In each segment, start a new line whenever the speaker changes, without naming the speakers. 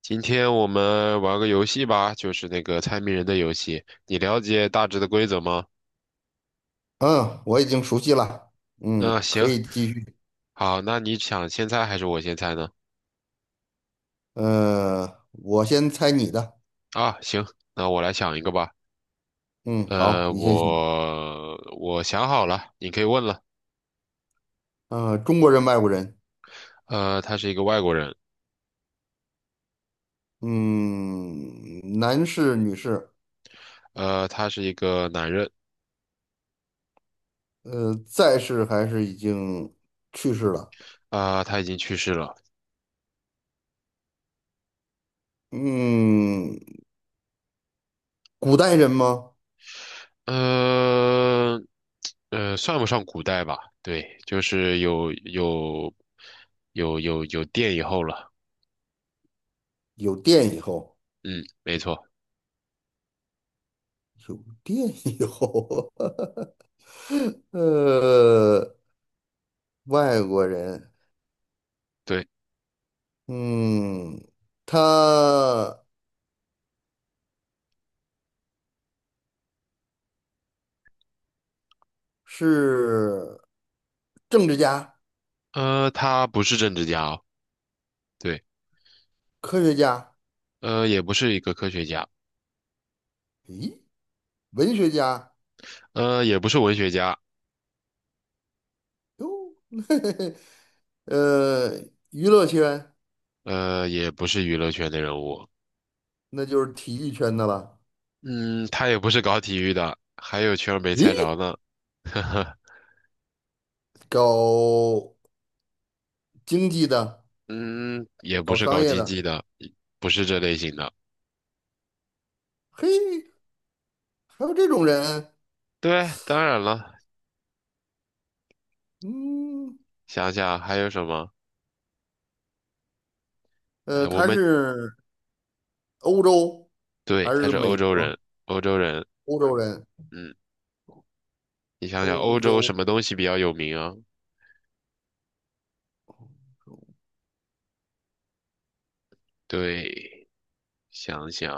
今天我们玩个游戏吧，就是那个猜谜人的游戏。你了解大致的规则吗？
嗯，我已经熟悉了。嗯，
嗯，
可
行，
以继续。
好，那你想先猜还是我先猜呢？
我先猜你的。
啊，行，那我来想一个吧。
嗯，好，你先想。
我想好了，你可以问了。
中国人，外国人。
他是一个外国人，
嗯，男士，女士。
他是一个男人，
在世还是已经去世了？
啊，他已经去世了。
嗯，古代人吗？
呃，算不上古代吧？对，就是有电以后了。
有电以后，
嗯，没错。
有电以后。呃，外国人。
对，
嗯，他是政治家。
他不是政治家哦，对，
科学家，
也不是一个科学家，
咦，文学家，
也不是文学家，
哟，嘿嘿嘿呃，娱乐圈
也不是娱乐圈的人物，
那就是体育圈的了，
嗯，他也不是搞体育的，还有圈儿没
咦，
猜着呢，呵呵，
搞经济的，
嗯，也不
搞
是
商
搞
业
经
的，
济的，不是这类型的。
嘿，还有这种人，
对，当然了，
嗯，
想想还有什么？哎，我
他
们，
是欧洲
对，
还
他
是
是欧
美
洲
国？
人，欧洲人，
欧洲人，
嗯，你想想欧
欧
洲
洲，
什么东西比较有名啊？对，想想，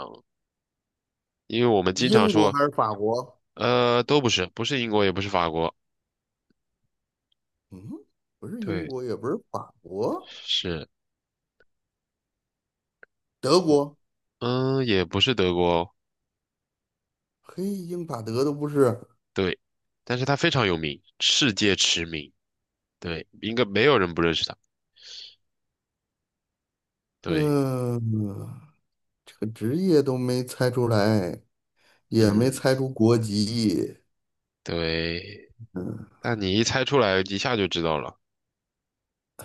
因为我们经常
英国
说。
还是法国？
都不是，不是英国，也不是法国，
嗯，不是英
对，
国，也不是法国，
是
德
我，
国，
也不是德国哦，
嘿，英法德都不是，
对，但是它非常有名，世界驰名，对，应该没有人不认识它，对，
嗯。这个职业都没猜出来，也没
嗯，
猜出国籍。
对，
嗯
但你一猜出来，一下就知道了，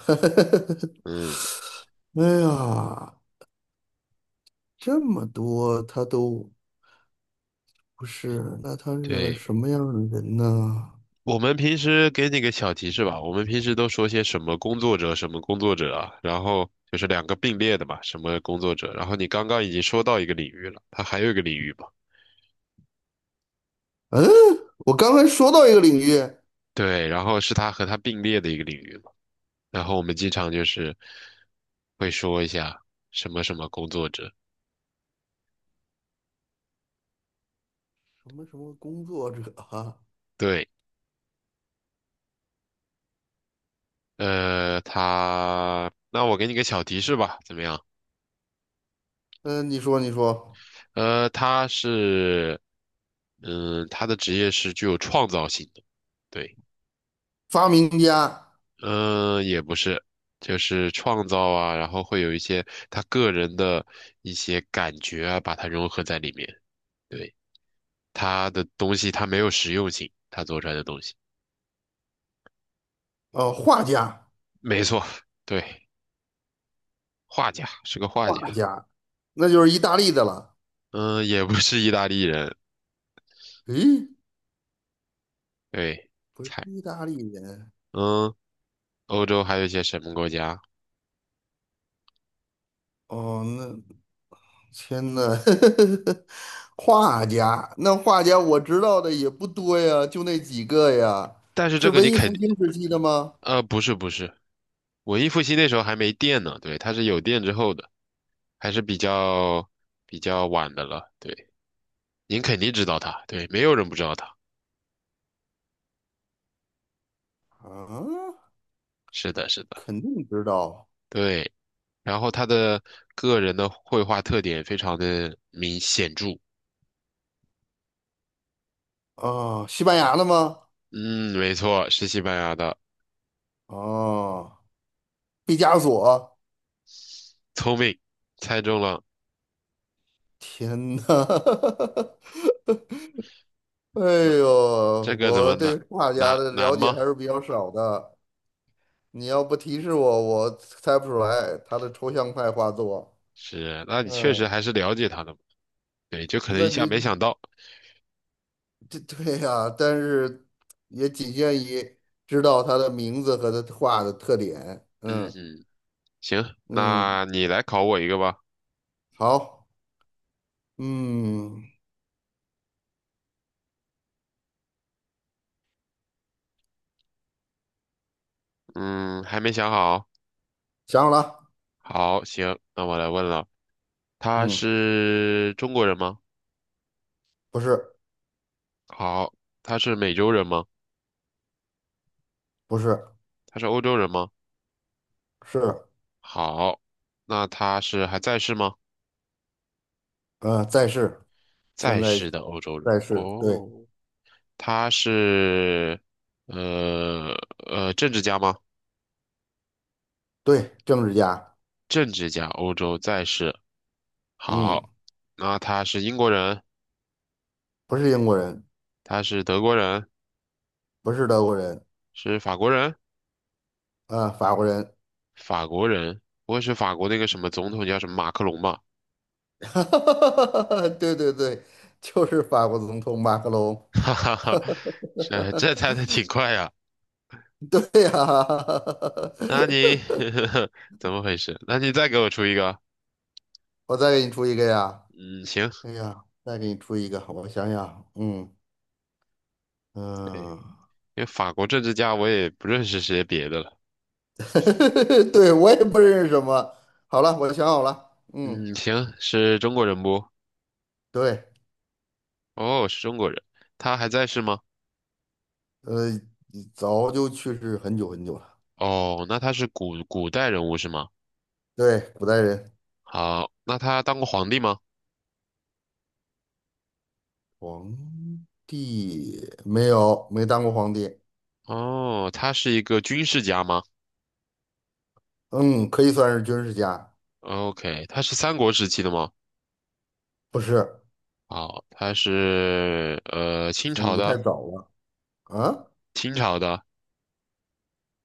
嗯，
哎呀，这么多他都不是，那他是个
对，
什么样的人呢？
我们平时给你个小提示吧，我们平时都说些什么工作者，什么工作者啊，然后就是两个并列的嘛，什么工作者，然后你刚刚已经说到一个领域了，它还有一个领域吧。
嗯，我刚才说到一个领域，
对，然后是它和它并列的一个领域。然后我们经常就是会说一下什么什么工作者，
什么什么工作者啊？
对，他，那我给你个小提示吧，怎么样？
嗯，你说你说，
他是，他的职业是具有创造性的，对，
发明家，
嗯，也不是，就是创造啊，然后会有一些他个人的一些感觉啊，把它融合在里面，对，他的东西他没有实用性，他做出来的东西，
画家，
没错，对，画家是个画家。
画家，那就是意大利的了。
嗯，也不是意大利人，
诶，
对，
不是
猜，
意大利人
嗯，欧洲还有一些什么国家？
哦，那。天呐，画家，那画家我知道的也不多呀，就那几个呀。
但是
是
这个
文
你
艺
肯
复
定，
兴时期的吗？
不是不是，文艺复兴那时候还没电呢，对，它是有电之后的，还是比较晚的了，对，您肯定知道它，对，没有人不知道它，
啊，
是的，是的，
肯定知道
对，然后他的个人的绘画特点非常的明显著，
啊，西班牙的吗？
嗯，没错，是西班牙的，
哦，毕加索。
聪明，猜中了，
天呐，哎呦，
这个怎么
我
难，
对画家
难
的
难
了解还
吗？
是比较少的。你要不提示我，我猜不出来他的抽象派画作。
是，那你确实
嗯，
还是了解他的嘛。对，就可能
那
一下
那
没想到。
这 对呀、但是也仅限于知道他的名字和他画的特点。
嗯
嗯
哼，行，
嗯，
那你来考我一个吧。
好，嗯，
嗯，还没想好。
想好了，
好，行，那我来问了，他
嗯，
是中国人吗？
不是
好，他是美洲人吗？
不是
他是欧洲人吗？
是，
好，那他是还在世吗？
呃，在世，现
在
在
世的欧洲人。
在世，对
哦，他是呃政治家吗？
对，政治家，
政治家，欧洲在世。
嗯，
好，那他是英国人。
不是英国人，
他是德国人，
不是德国人，
是法国人，
啊、法国人，
法国人，不会是法国那个什么总统叫什么马克龙吧？
哈哈哈哈哈，对对对，就是法国总统马克龙，
哈哈哈，这猜的挺快呀。
对呀、
那你 怎么回事？那你再给我出一个。
我再给你出一个呀。
嗯，行，
哎呀，再给你出一个，我想想啊，嗯
对，
嗯，
因为法国政治家我也不认识些别的了。
对，我也不认识什么。好了，我想好了，嗯，
嗯，行，是中国人不？
对，
哦，是中国人，他还在世吗？
呃，早就去世很久很久了。
哦，那他是古代人物是吗？
对，古代人，
好，那他当过皇帝吗？
皇帝没有，没当过皇帝。
哦，他是一个军事家吗？
嗯，可以算是军事家，
OK，他是三国时期的吗？
不是，
好，他是清
我
朝
国太
的，
早了啊。
清朝的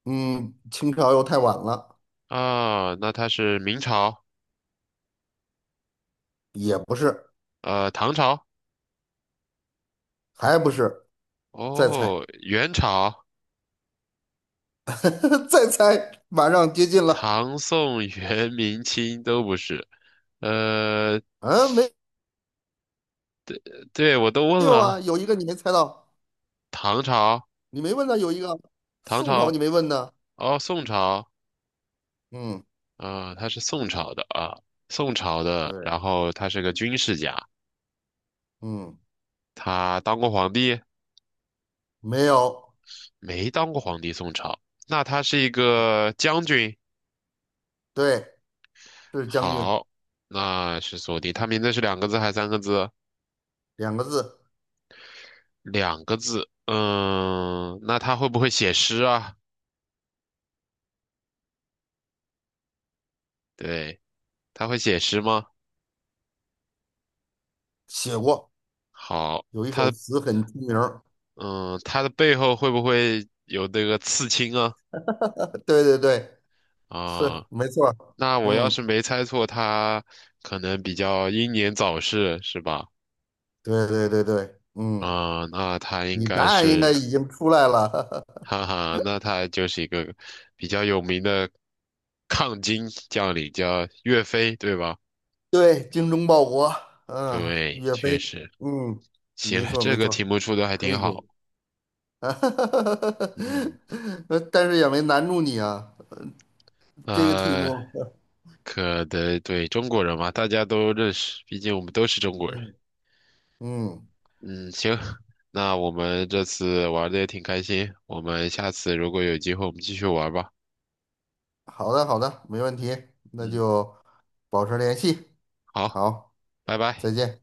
嗯，清朝又太晚了，
啊，那他是明朝，
也不是，
唐朝，
还不是，再猜，
哦元朝，
再猜，马上接近了。
唐宋元明清都不是，呃，
啊，没。
对我都问
没有啊，
了，
有一个你没猜到，
唐朝，
你没问呢，有一个
唐
宋朝
朝，
你没问呢。
哦宋朝，
嗯，
啊，他是宋朝的啊，宋朝的，
对，
然后他是个军事家，
嗯，
他当过皇帝，
没有，
没当过皇帝，宋朝。那他是一个将军，
对，是将军
好，那是锁定。他名字是两个字还是三个字？
两个字，
两个字。嗯，那他会不会写诗啊？对，他会写诗吗？
写过，
好，
有一首词很出名儿
他的背后会不会有那个刺青啊？
对对对，是
啊，
没错儿
那我要
嗯，
是没猜错，他可能比较英年早逝，是吧？
对对对对，嗯，
啊，那他应
你答
该
案应该
是，
已经出来了。
哈哈，那他就是一个比较有名的抗金将领，叫岳飞，对吧？
对，精忠报国，嗯，
对，
岳
确
飞，
实，
嗯，
行，
没错
这
没
个题
错，
目出的还
可
挺
以可
好。
以，
嗯，
但是也没难住你啊。这个题
呃，
目，
可得对中国人嘛，大家都认识，毕竟我们都是中国人。
嗯嗯，
嗯，行，那我们这次玩的也挺开心，我们下次如果有机会，我们继续玩吧。
好的好的，没问题，那
嗯，
就保持联系，
好，
好，
拜
再
拜。
见。